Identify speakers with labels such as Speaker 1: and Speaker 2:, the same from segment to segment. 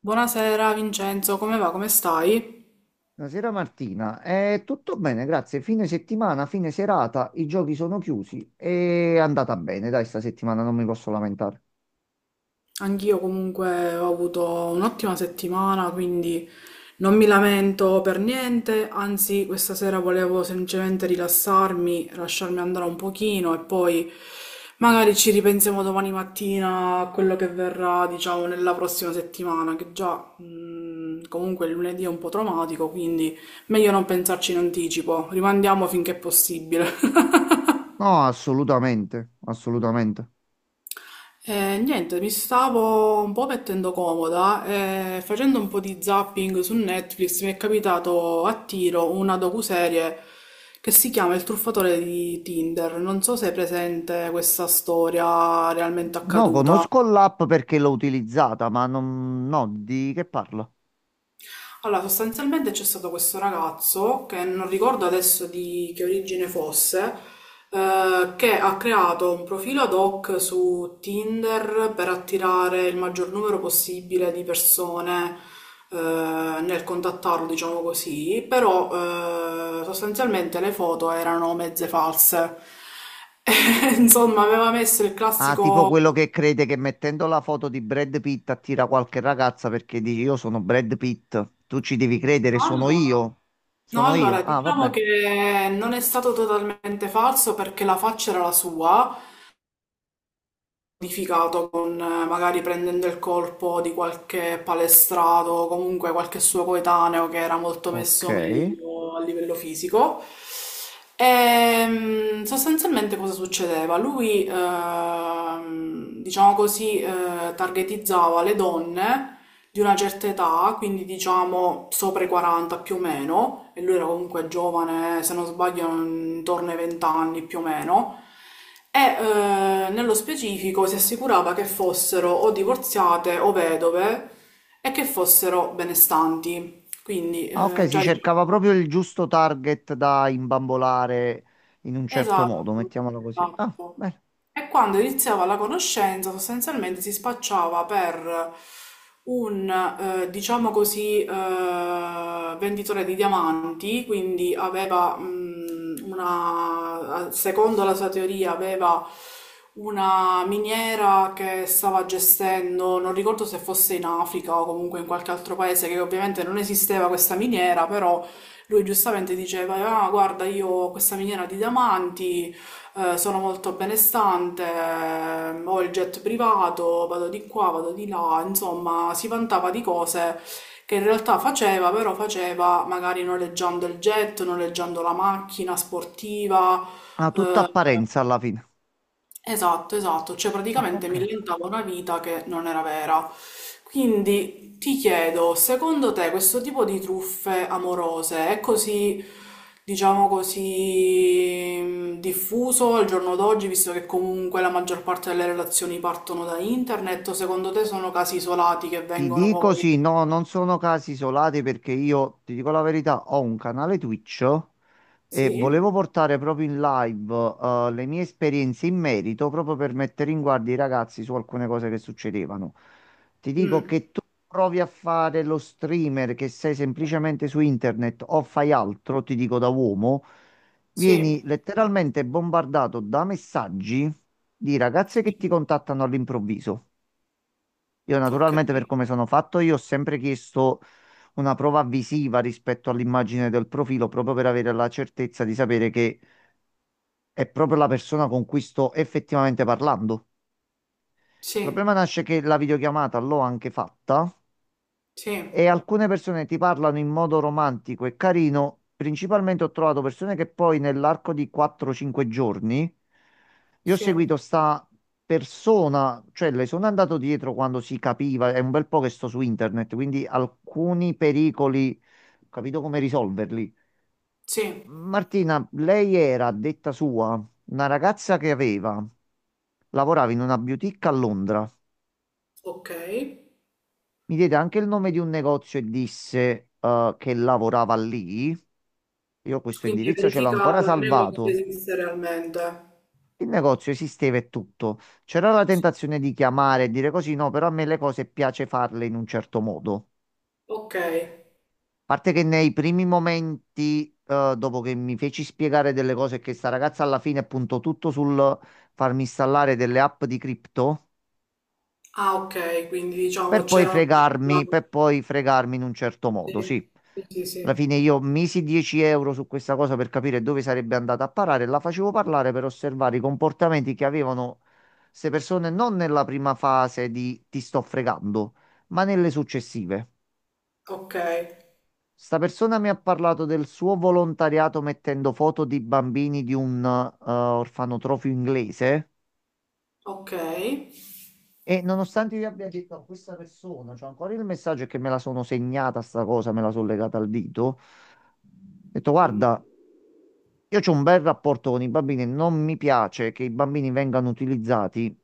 Speaker 1: Buonasera Vincenzo, come va? Come stai?
Speaker 2: Buonasera Martina. Tutto bene, grazie. Fine settimana, fine serata, i giochi sono chiusi. È andata bene, dai, sta settimana non mi posso lamentare.
Speaker 1: Anch'io comunque ho avuto un'ottima settimana, quindi non mi lamento per niente, anzi questa sera volevo semplicemente rilassarmi, lasciarmi andare un pochino e poi magari ci ripensiamo domani mattina a quello che verrà, diciamo, nella prossima settimana, che già comunque il lunedì è un po' traumatico, quindi meglio non pensarci in anticipo, rimandiamo finché è possibile.
Speaker 2: No, assolutamente, assolutamente.
Speaker 1: Niente, mi stavo un po' mettendo comoda e facendo un po' di zapping su Netflix mi è capitato a tiro una docuserie che si chiama Il truffatore di Tinder. Non so se è presente questa storia realmente
Speaker 2: No,
Speaker 1: accaduta.
Speaker 2: conosco l'app perché l'ho utilizzata, ma non, no, di che parlo?
Speaker 1: Allora, sostanzialmente c'è stato questo ragazzo, che non ricordo adesso di che origine fosse, che ha creato un profilo ad hoc su Tinder per attirare il maggior numero possibile di persone, nel contattarlo, diciamo così, però, sostanzialmente le foto erano mezze false. Insomma, aveva messo il
Speaker 2: Ah, tipo
Speaker 1: classico...
Speaker 2: quello che crede che mettendo la foto di Brad Pitt attira qualche ragazza perché dici io sono Brad Pitt, tu ci devi credere, sono
Speaker 1: Allora,
Speaker 2: io,
Speaker 1: no,
Speaker 2: sono io.
Speaker 1: allora,
Speaker 2: Ah,
Speaker 1: diciamo
Speaker 2: vabbè,
Speaker 1: che non è stato totalmente falso perché la faccia era la sua, modificato con magari prendendo il colpo di qualche palestrato o comunque qualche suo coetaneo che era molto
Speaker 2: ok.
Speaker 1: messo meglio a livello fisico. E sostanzialmente cosa succedeva? Lui, diciamo così, targetizzava le donne di una certa età, quindi diciamo sopra i 40 più o meno, e lui era comunque giovane, se non sbaglio intorno ai 20 anni più o meno, e nello specifico si assicurava che fossero o divorziate o vedove e che fossero benestanti, quindi
Speaker 2: Ah, ok, si
Speaker 1: già
Speaker 2: cercava
Speaker 1: diciamo...
Speaker 2: proprio il giusto target da imbambolare in un certo
Speaker 1: Esatto,
Speaker 2: modo, mettiamolo così. Ah,
Speaker 1: esatto.
Speaker 2: bene.
Speaker 1: E quando iniziava la conoscenza, sostanzialmente si spacciava per un, diciamo così, venditore di diamanti, quindi aveva, una, secondo la sua teoria, aveva una miniera che stava gestendo, non ricordo se fosse in Africa o comunque in qualche altro paese, che ovviamente non esisteva questa miniera, però lui giustamente diceva, ah, guarda, io ho questa miniera di diamanti, sono molto benestante, ho il jet privato, vado di qua, vado di là, insomma, si vantava di cose che in realtà faceva, però faceva magari noleggiando il jet, noleggiando la macchina sportiva.
Speaker 2: Ha tutta
Speaker 1: eh,
Speaker 2: apparenza alla fine.
Speaker 1: esatto, esatto, cioè
Speaker 2: Ah,
Speaker 1: praticamente
Speaker 2: ok.
Speaker 1: mi inventava una vita che non era vera. Quindi ti chiedo, secondo te questo tipo di truffe amorose è così, diciamo così, diffuso al giorno d'oggi, visto che comunque la maggior parte delle relazioni partono da internet, o secondo te sono casi isolati che
Speaker 2: Ti
Speaker 1: vengono
Speaker 2: dico sì,
Speaker 1: poi...
Speaker 2: no, non sono casi isolati perché io, ti dico la verità, ho un canale Twitch. E
Speaker 1: Sì?
Speaker 2: volevo portare proprio in live, le mie esperienze in merito proprio per mettere in guardia i ragazzi su alcune cose che succedevano. Ti dico
Speaker 1: Mm,
Speaker 2: che tu provi a fare lo streamer che sei semplicemente su internet o fai altro, ti dico da uomo,
Speaker 1: sì.
Speaker 2: vieni letteralmente bombardato da messaggi di ragazze che
Speaker 1: Sì.
Speaker 2: ti contattano all'improvviso. Io
Speaker 1: Ok.
Speaker 2: naturalmente per come sono fatto io ho sempre chiesto una prova visiva rispetto all'immagine del profilo proprio per avere la certezza di sapere che è proprio la persona con cui sto effettivamente parlando. Il
Speaker 1: Sì,
Speaker 2: problema nasce che la videochiamata l'ho anche fatta
Speaker 1: sì,
Speaker 2: e alcune persone ti parlano in modo romantico e carino. Principalmente ho trovato persone che poi nell'arco di 4-5 giorni io ho
Speaker 1: sì,
Speaker 2: seguito sta persona, cioè le sono andato dietro quando si capiva, è un bel po' che sto su internet, quindi alcuni pericoli, ho capito come risolverli.
Speaker 1: sì.
Speaker 2: Martina, lei era, a detta sua, una ragazza che aveva, lavorava in una boutique a Londra.
Speaker 1: Ok.
Speaker 2: Mi diede anche il nome di un negozio e disse che lavorava lì. Io questo
Speaker 1: Quindi hai
Speaker 2: indirizzo ce l'ho ancora
Speaker 1: verificato il negozio
Speaker 2: salvato.
Speaker 1: esiste realmente.
Speaker 2: Il negozio esisteva e tutto. C'era la tentazione di chiamare e dire così, no, però a me le cose piace farle in un certo modo.
Speaker 1: Ok.
Speaker 2: A parte che nei primi momenti, dopo che mi feci spiegare delle cose, che sta ragazza alla fine puntò tutto sul farmi installare delle app di cripto,
Speaker 1: Ah, okay, quindi diciamo c'era una mezza
Speaker 2: per poi fregarmi in un certo modo,
Speaker 1: sì,
Speaker 2: sì.
Speaker 1: sì, sì,
Speaker 2: Alla
Speaker 1: sì.
Speaker 2: fine io misi 10 euro su questa cosa per capire dove sarebbe andata a parare, la facevo parlare per osservare i comportamenti che avevano queste persone non nella prima fase di ti sto fregando, ma nelle successive.
Speaker 1: Okay,
Speaker 2: Sta persona mi ha parlato del suo volontariato mettendo foto di bambini di un orfanotrofio inglese
Speaker 1: okay.
Speaker 2: e nonostante io abbia detto a questa persona, c'ho ancora il messaggio è che me la sono segnata sta cosa, me la sono legata al dito, ho detto
Speaker 1: Mh.
Speaker 2: guarda io ho un bel rapporto con i bambini e non mi piace che i bambini vengano utilizzati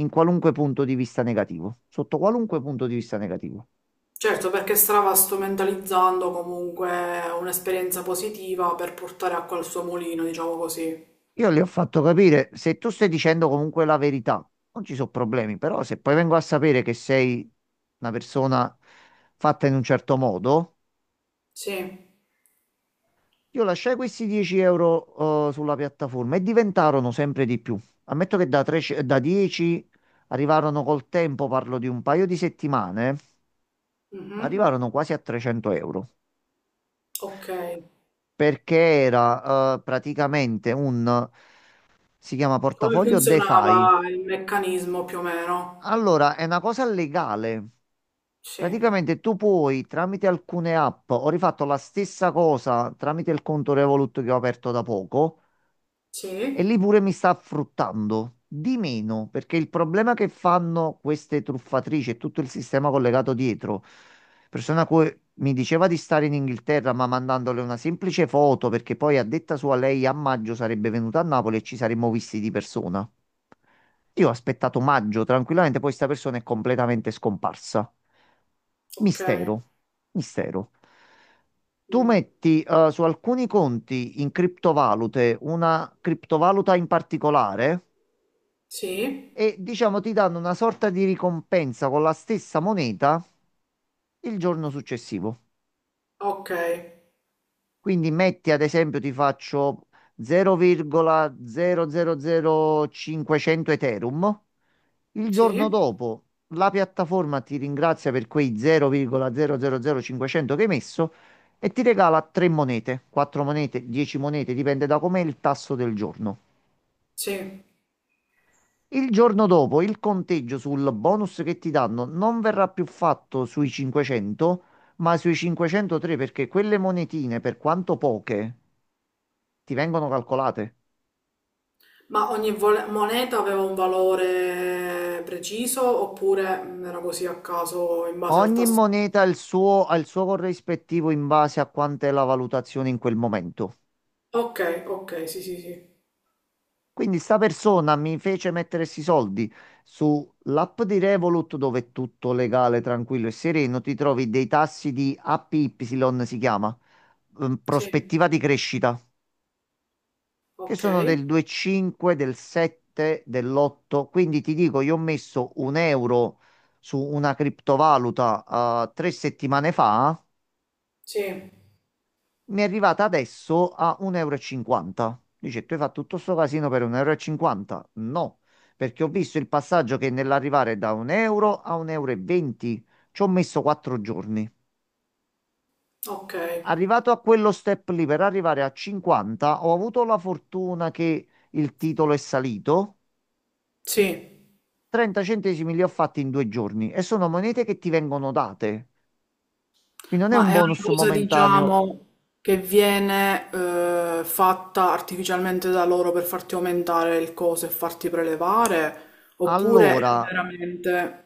Speaker 2: in qualunque punto di vista negativo, sotto qualunque punto di vista negativo.
Speaker 1: Certo, perché stava strumentalizzando comunque un'esperienza positiva per portare acqua al suo mulino, diciamo così.
Speaker 2: Io le ho fatto capire, se tu stai dicendo comunque la verità, non ci sono problemi, però se poi vengo a sapere che sei una persona fatta in un certo modo,
Speaker 1: Sì.
Speaker 2: io lasciai questi 10 euro, sulla piattaforma e diventarono sempre di più. Ammetto che da, 13 da 10 arrivarono col tempo, parlo di un paio di settimane
Speaker 1: Mh-mh.
Speaker 2: arrivarono quasi a 300 euro
Speaker 1: Okay.
Speaker 2: perché era praticamente un si chiama
Speaker 1: Come
Speaker 2: portafoglio DeFi.
Speaker 1: funzionava il meccanismo più o meno?
Speaker 2: Allora, è una cosa legale.
Speaker 1: Sì.
Speaker 2: Praticamente tu puoi tramite alcune app, ho rifatto la stessa cosa tramite il conto Revolut che ho aperto da poco. E lì
Speaker 1: Sì.
Speaker 2: pure mi sta fruttando di meno, perché il problema che fanno queste truffatrici e tutto il sistema collegato dietro, persona che mi diceva di stare in Inghilterra, ma mandandole una semplice foto, perché poi a detta sua lei a maggio sarebbe venuta a Napoli e ci saremmo visti di persona. Io ho aspettato maggio tranquillamente, poi sta persona è completamente scomparsa.
Speaker 1: Okay.
Speaker 2: Mistero, mistero. Tu
Speaker 1: Mh.
Speaker 2: metti su alcuni conti in criptovalute una criptovaluta in particolare
Speaker 1: Sì.
Speaker 2: e diciamo ti danno una sorta di ricompensa con la stessa moneta il giorno successivo.
Speaker 1: Okay.
Speaker 2: Quindi metti ad esempio, ti faccio 0,000500 Ethereum. Il giorno
Speaker 1: Sì.
Speaker 2: dopo la piattaforma ti ringrazia per quei 0,000500 che hai messo e ti regala 3 monete, 4 monete, 10 monete, dipende da com'è il tasso del giorno.
Speaker 1: Sì.
Speaker 2: Il giorno dopo il conteggio sul bonus che ti danno non verrà più fatto sui 500, ma sui 503 perché quelle monetine, per quanto poche, ti vengono calcolate.
Speaker 1: Ma ogni moneta aveva un valore preciso oppure era così a caso in base al
Speaker 2: Ogni
Speaker 1: tasso?
Speaker 2: moneta ha il suo corrispettivo in base a quant'è la valutazione in quel momento.
Speaker 1: Ok, ok, sì, sì, sì.
Speaker 2: Quindi sta persona mi fece mettere questi soldi sull'app di Revolut dove è tutto legale, tranquillo e sereno, ti trovi dei tassi di APY, si chiama,
Speaker 1: Sì,
Speaker 2: prospettiva di crescita, che
Speaker 1: ok,
Speaker 2: sono del 2,5, del 7, dell'8. Quindi ti dico, io ho messo un euro su una criptovaluta, 3 settimane fa.
Speaker 1: sì,
Speaker 2: Mi è arrivata adesso a 1,50 euro. E cinquanta. Dice, tu hai fatto tutto sto casino per 1,50 euro? E cinquanta? No, perché ho visto il passaggio che nell'arrivare da 1 euro a 1,20 euro e venti ci ho messo 4 giorni.
Speaker 1: ok,
Speaker 2: Arrivato a quello step lì per arrivare a 50, ho avuto la fortuna che il titolo è salito.
Speaker 1: sì.
Speaker 2: 30 centesimi li ho fatti in 2 giorni e sono monete che ti vengono date. Quindi non è
Speaker 1: Ma
Speaker 2: un
Speaker 1: è una
Speaker 2: bonus
Speaker 1: cosa,
Speaker 2: momentaneo.
Speaker 1: diciamo, che viene fatta artificialmente da loro per farti aumentare il coso e farti prelevare? Oppure è
Speaker 2: Allora,
Speaker 1: veramente...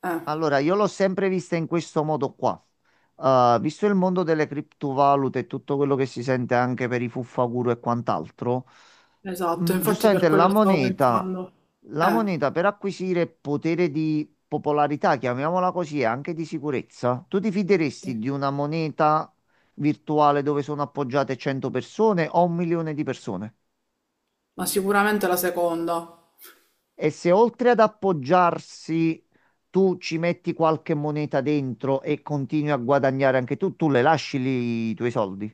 Speaker 1: Eh,
Speaker 2: Allora, io l'ho sempre vista in questo modo qua. Visto il mondo delle criptovalute e tutto quello che si sente anche per i fuffaguru e quant'altro,
Speaker 1: esatto, infatti per
Speaker 2: giustamente la
Speaker 1: quello stavo
Speaker 2: moneta,
Speaker 1: pensando.
Speaker 2: la
Speaker 1: Eh,
Speaker 2: moneta per acquisire potere di popolarità, chiamiamola così, e anche di sicurezza, tu ti fideresti
Speaker 1: sì.
Speaker 2: di una moneta virtuale dove sono appoggiate 100 persone o 1 milione di persone?
Speaker 1: Ma sicuramente la seconda.
Speaker 2: E se oltre ad appoggiarsi tu ci metti qualche moneta dentro e continui a guadagnare anche tu, tu le lasci lì i tuoi soldi.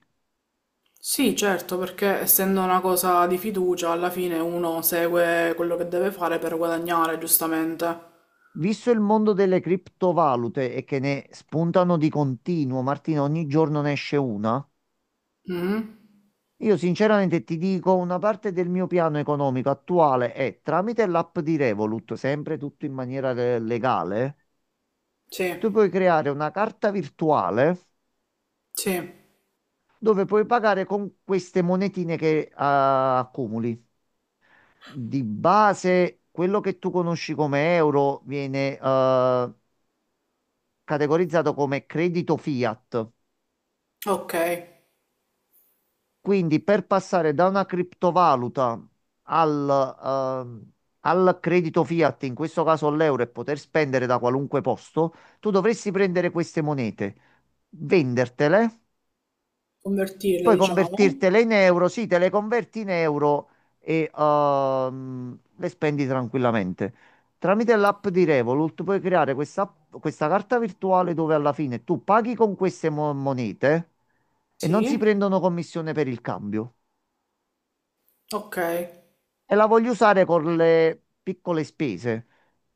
Speaker 1: Sì, certo, perché essendo una cosa di fiducia, alla fine uno segue quello che deve fare per guadagnare, giustamente.
Speaker 2: Visto il mondo delle criptovalute e che ne spuntano di continuo, Martina, ogni giorno ne esce una,
Speaker 1: Mhm.
Speaker 2: io sinceramente ti dico, una parte del mio piano economico attuale è tramite l'app di Revolut, sempre tutto in maniera legale,
Speaker 1: Sì,
Speaker 2: tu puoi creare una carta virtuale
Speaker 1: sì,
Speaker 2: dove puoi pagare con queste monetine che accumuli. Di base, quello che tu conosci come euro viene categorizzato come credito fiat.
Speaker 1: ok.
Speaker 2: Quindi per passare da una criptovaluta al, ehm, al credito fiat, in questo caso l'euro, e poter spendere da qualunque posto, tu dovresti prendere queste monete, vendertele.
Speaker 1: Convertire,
Speaker 2: Puoi
Speaker 1: diciamo.
Speaker 2: convertirtele in euro, sì, te le converti in euro e le spendi tranquillamente. Tramite l'app di Revolut puoi creare questa carta virtuale dove alla fine tu paghi con queste monete e non si
Speaker 1: Sì,
Speaker 2: prendono commissione per il cambio.
Speaker 1: ok.
Speaker 2: E la voglio usare con le piccole spese,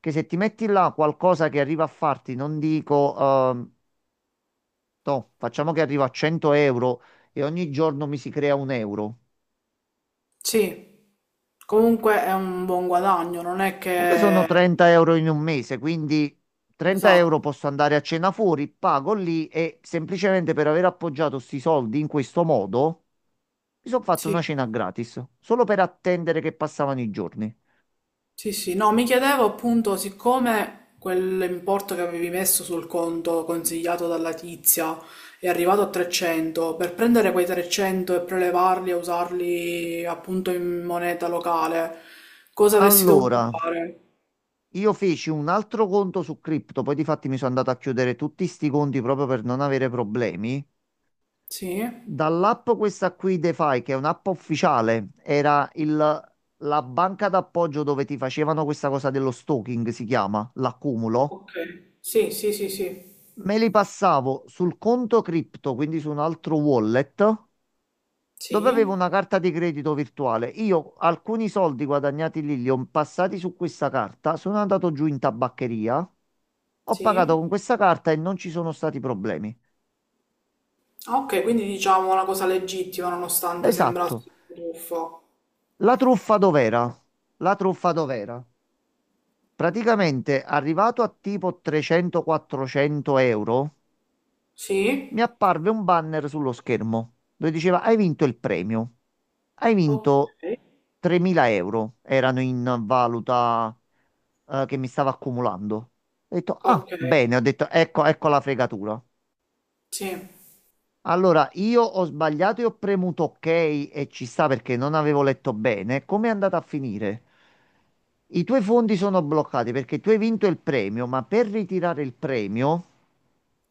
Speaker 2: che se ti metti là qualcosa che arriva a farti, non dico, no, facciamo che arriva a 100 euro e ogni giorno mi si crea un euro.
Speaker 1: Sì, comunque è un buon guadagno, non è
Speaker 2: Comunque sono
Speaker 1: che...
Speaker 2: 30 euro in un mese, quindi 30
Speaker 1: Esatto,
Speaker 2: euro posso andare a cena fuori, pago lì e semplicemente per aver appoggiato sti soldi in questo modo mi sono fatto una
Speaker 1: sì.
Speaker 2: cena gratis, solo per attendere che passavano i giorni.
Speaker 1: Sì, sì, no, mi chiedevo appunto, siccome quell'importo che avevi messo sul conto consigliato dalla tizia è arrivato a 300, per prendere quei 300 e prelevarli e usarli appunto in moneta locale, cosa avresti dovuto
Speaker 2: Allora,
Speaker 1: fare?
Speaker 2: io feci un altro conto su cripto, poi di fatti mi sono andato a chiudere tutti sti conti proprio per non avere problemi.
Speaker 1: Sì,
Speaker 2: Dall'app questa qui, DeFi, che è un'app ufficiale, era la banca d'appoggio dove ti facevano questa cosa dello staking, si chiama, l'accumulo.
Speaker 1: ok, sì, sì, sì, sì,
Speaker 2: Me li passavo sul conto cripto, quindi su un altro wallet, dove avevo
Speaker 1: sì,
Speaker 2: una carta di credito virtuale. Io alcuni soldi guadagnati lì li ho passati su questa carta, sono andato giù in tabaccheria, ho pagato
Speaker 1: sì.
Speaker 2: con questa carta e non ci sono stati problemi.
Speaker 1: Ah, ok, quindi diciamo una cosa legittima nonostante sembrasse
Speaker 2: Esatto.
Speaker 1: un buffo.
Speaker 2: La truffa dov'era? La truffa dov'era? Praticamente, arrivato a tipo 300-400 euro,
Speaker 1: Sì,
Speaker 2: mi apparve un banner sullo schermo dove diceva: Hai vinto il premio. Hai vinto
Speaker 1: ok,
Speaker 2: 3.000 euro. Erano in valuta che mi stava accumulando. Ho detto: Ah,
Speaker 1: ok,
Speaker 2: bene. Ho detto: Ecco, ecco la fregatura.
Speaker 1: sì.
Speaker 2: Allora, io ho sbagliato e ho premuto ok e ci sta perché non avevo letto bene. Come è andata a finire? I tuoi fondi sono bloccati perché tu hai vinto il premio, ma per ritirare il premio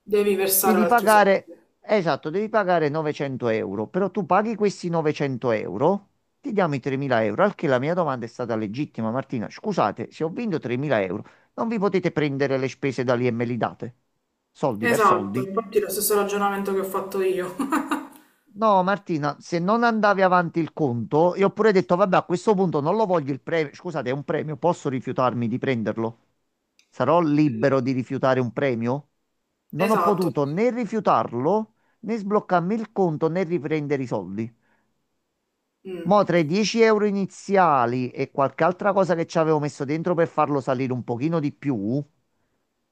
Speaker 1: Devi versare
Speaker 2: devi
Speaker 1: altri
Speaker 2: pagare,
Speaker 1: soldi.
Speaker 2: esatto, devi pagare 900 euro, però tu paghi questi 900 euro, ti diamo i 3.000 euro, al che la mia domanda è stata legittima, Martina, scusate, se ho vinto 3.000 euro, non vi potete prendere le spese da lì e me li date? Soldi per
Speaker 1: Esatto,
Speaker 2: soldi?
Speaker 1: infatti è lo stesso ragionamento che ho fatto io.
Speaker 2: No, Martina, se non andavi avanti il conto, io ho pure detto, vabbè, a questo punto non lo voglio il premio. Scusate, è un premio, posso rifiutarmi di prenderlo? Sarò libero di rifiutare un premio? Non ho
Speaker 1: Esatto.
Speaker 2: potuto né rifiutarlo, né sbloccarmi il conto, né riprendere i soldi.
Speaker 1: Mm,
Speaker 2: Mo' tra i 10 euro iniziali e qualche altra cosa che ci avevo messo dentro per farlo salire un pochino di più,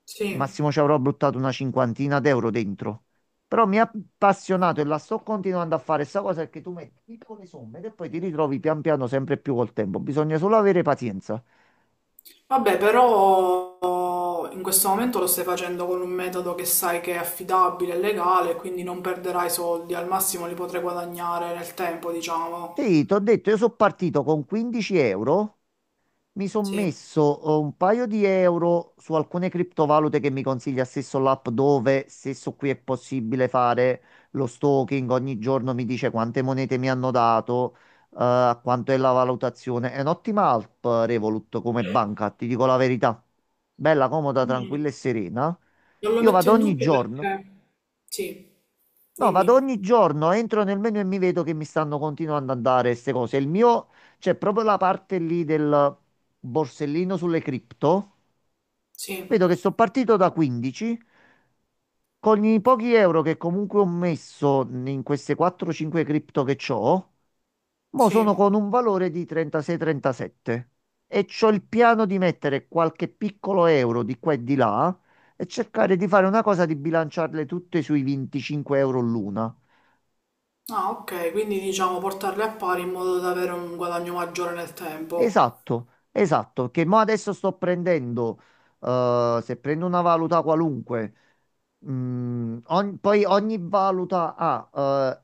Speaker 1: sì.
Speaker 2: massimo ci avrò buttato una cinquantina d'euro dentro. Però mi ha appassionato e la sto continuando a fare. Sta cosa è che tu metti piccole somme e poi ti ritrovi pian piano sempre più col tempo. Bisogna solo avere pazienza.
Speaker 1: Vabbè, però in questo momento lo stai facendo con un metodo che sai che è affidabile e legale, quindi non perderai soldi, al massimo li potrai guadagnare nel tempo, diciamo.
Speaker 2: Sì, ti ho detto, io sono partito con 15 euro. Mi sono
Speaker 1: Sì.
Speaker 2: messo un paio di euro su alcune criptovalute che mi consiglia stesso l'app dove stesso qui è possibile fare lo stalking, ogni giorno mi dice quante monete mi hanno dato, quanto è la valutazione. È un'ottima app Revolut come banca, ti dico la verità. Bella, comoda,
Speaker 1: Mm,
Speaker 2: tranquilla e serena.
Speaker 1: Non lo
Speaker 2: Io
Speaker 1: metto
Speaker 2: vado
Speaker 1: in
Speaker 2: ogni
Speaker 1: dubbio
Speaker 2: giorno.
Speaker 1: perché... Sì,
Speaker 2: No, vado
Speaker 1: dimmi.
Speaker 2: ogni giorno, entro nel menu e mi vedo che mi stanno continuando a dare queste cose. C'è proprio la parte lì del borsellino sulle cripto.
Speaker 1: Sì,
Speaker 2: Vedo che sono partito da 15. Con i pochi euro che comunque ho messo in queste 4-5 cripto che ho, mo sono
Speaker 1: sì.
Speaker 2: con un valore di 36-37. E c'ho il piano di mettere qualche piccolo euro di qua e di là e cercare di fare una cosa di bilanciarle tutte sui 25 euro l'una.
Speaker 1: Ah, ok, quindi diciamo portarli a pari in modo da avere un guadagno maggiore nel tempo.
Speaker 2: Esatto, esatto, che mo adesso sto prendendo, se prendo una valuta qualunque, poi ogni valuta ha, eh,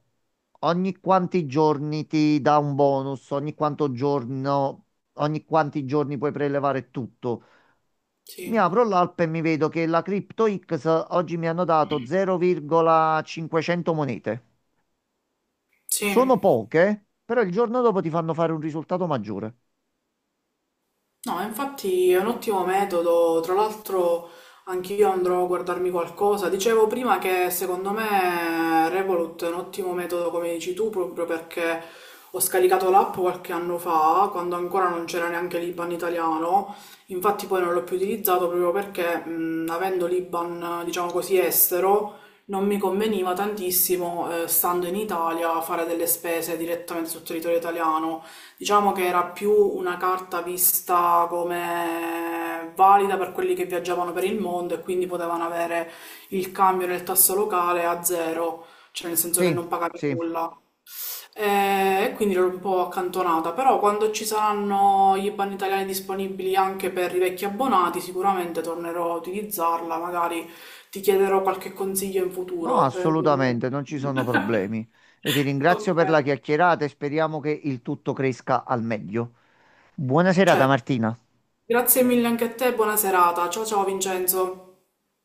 Speaker 2: ogni quanti giorni ti dà un bonus, ogni quanto giorno, ogni quanti giorni puoi prelevare tutto. Mi
Speaker 1: Sì.
Speaker 2: apro l'app e mi vedo che la CryptoX oggi mi hanno dato 0,500 monete.
Speaker 1: Sì,
Speaker 2: Sono poche, però il giorno dopo ti fanno fare un risultato maggiore.
Speaker 1: no, infatti è un ottimo metodo, tra l'altro anch'io andrò a guardarmi qualcosa. Dicevo prima che secondo me Revolut è un ottimo metodo, come dici tu, proprio perché ho scaricato l'app qualche anno fa, quando ancora non c'era neanche l'IBAN italiano, infatti poi non l'ho più utilizzato proprio perché, avendo l'IBAN, diciamo così, estero, non mi conveniva tantissimo, stando in Italia, fare delle spese direttamente sul territorio italiano. Diciamo che era più una carta vista come valida per quelli che viaggiavano per il mondo e quindi potevano avere il cambio del tasso locale a zero, cioè nel senso che
Speaker 2: Sì,
Speaker 1: non pagavi
Speaker 2: sì.
Speaker 1: nulla. E quindi l'ho un po' accantonata, però quando ci saranno gli IBAN italiani disponibili anche per i vecchi abbonati, sicuramente tornerò a utilizzarla, magari ti chiederò qualche consiglio in
Speaker 2: No,
Speaker 1: futuro.
Speaker 2: assolutamente, non ci sono problemi. Io ti ringrazio per
Speaker 1: Ok.
Speaker 2: la chiacchierata e speriamo che il tutto cresca al meglio. Buona serata,
Speaker 1: Certo.
Speaker 2: Martina.
Speaker 1: Grazie mille anche a te, buona serata. Ciao ciao Vincenzo.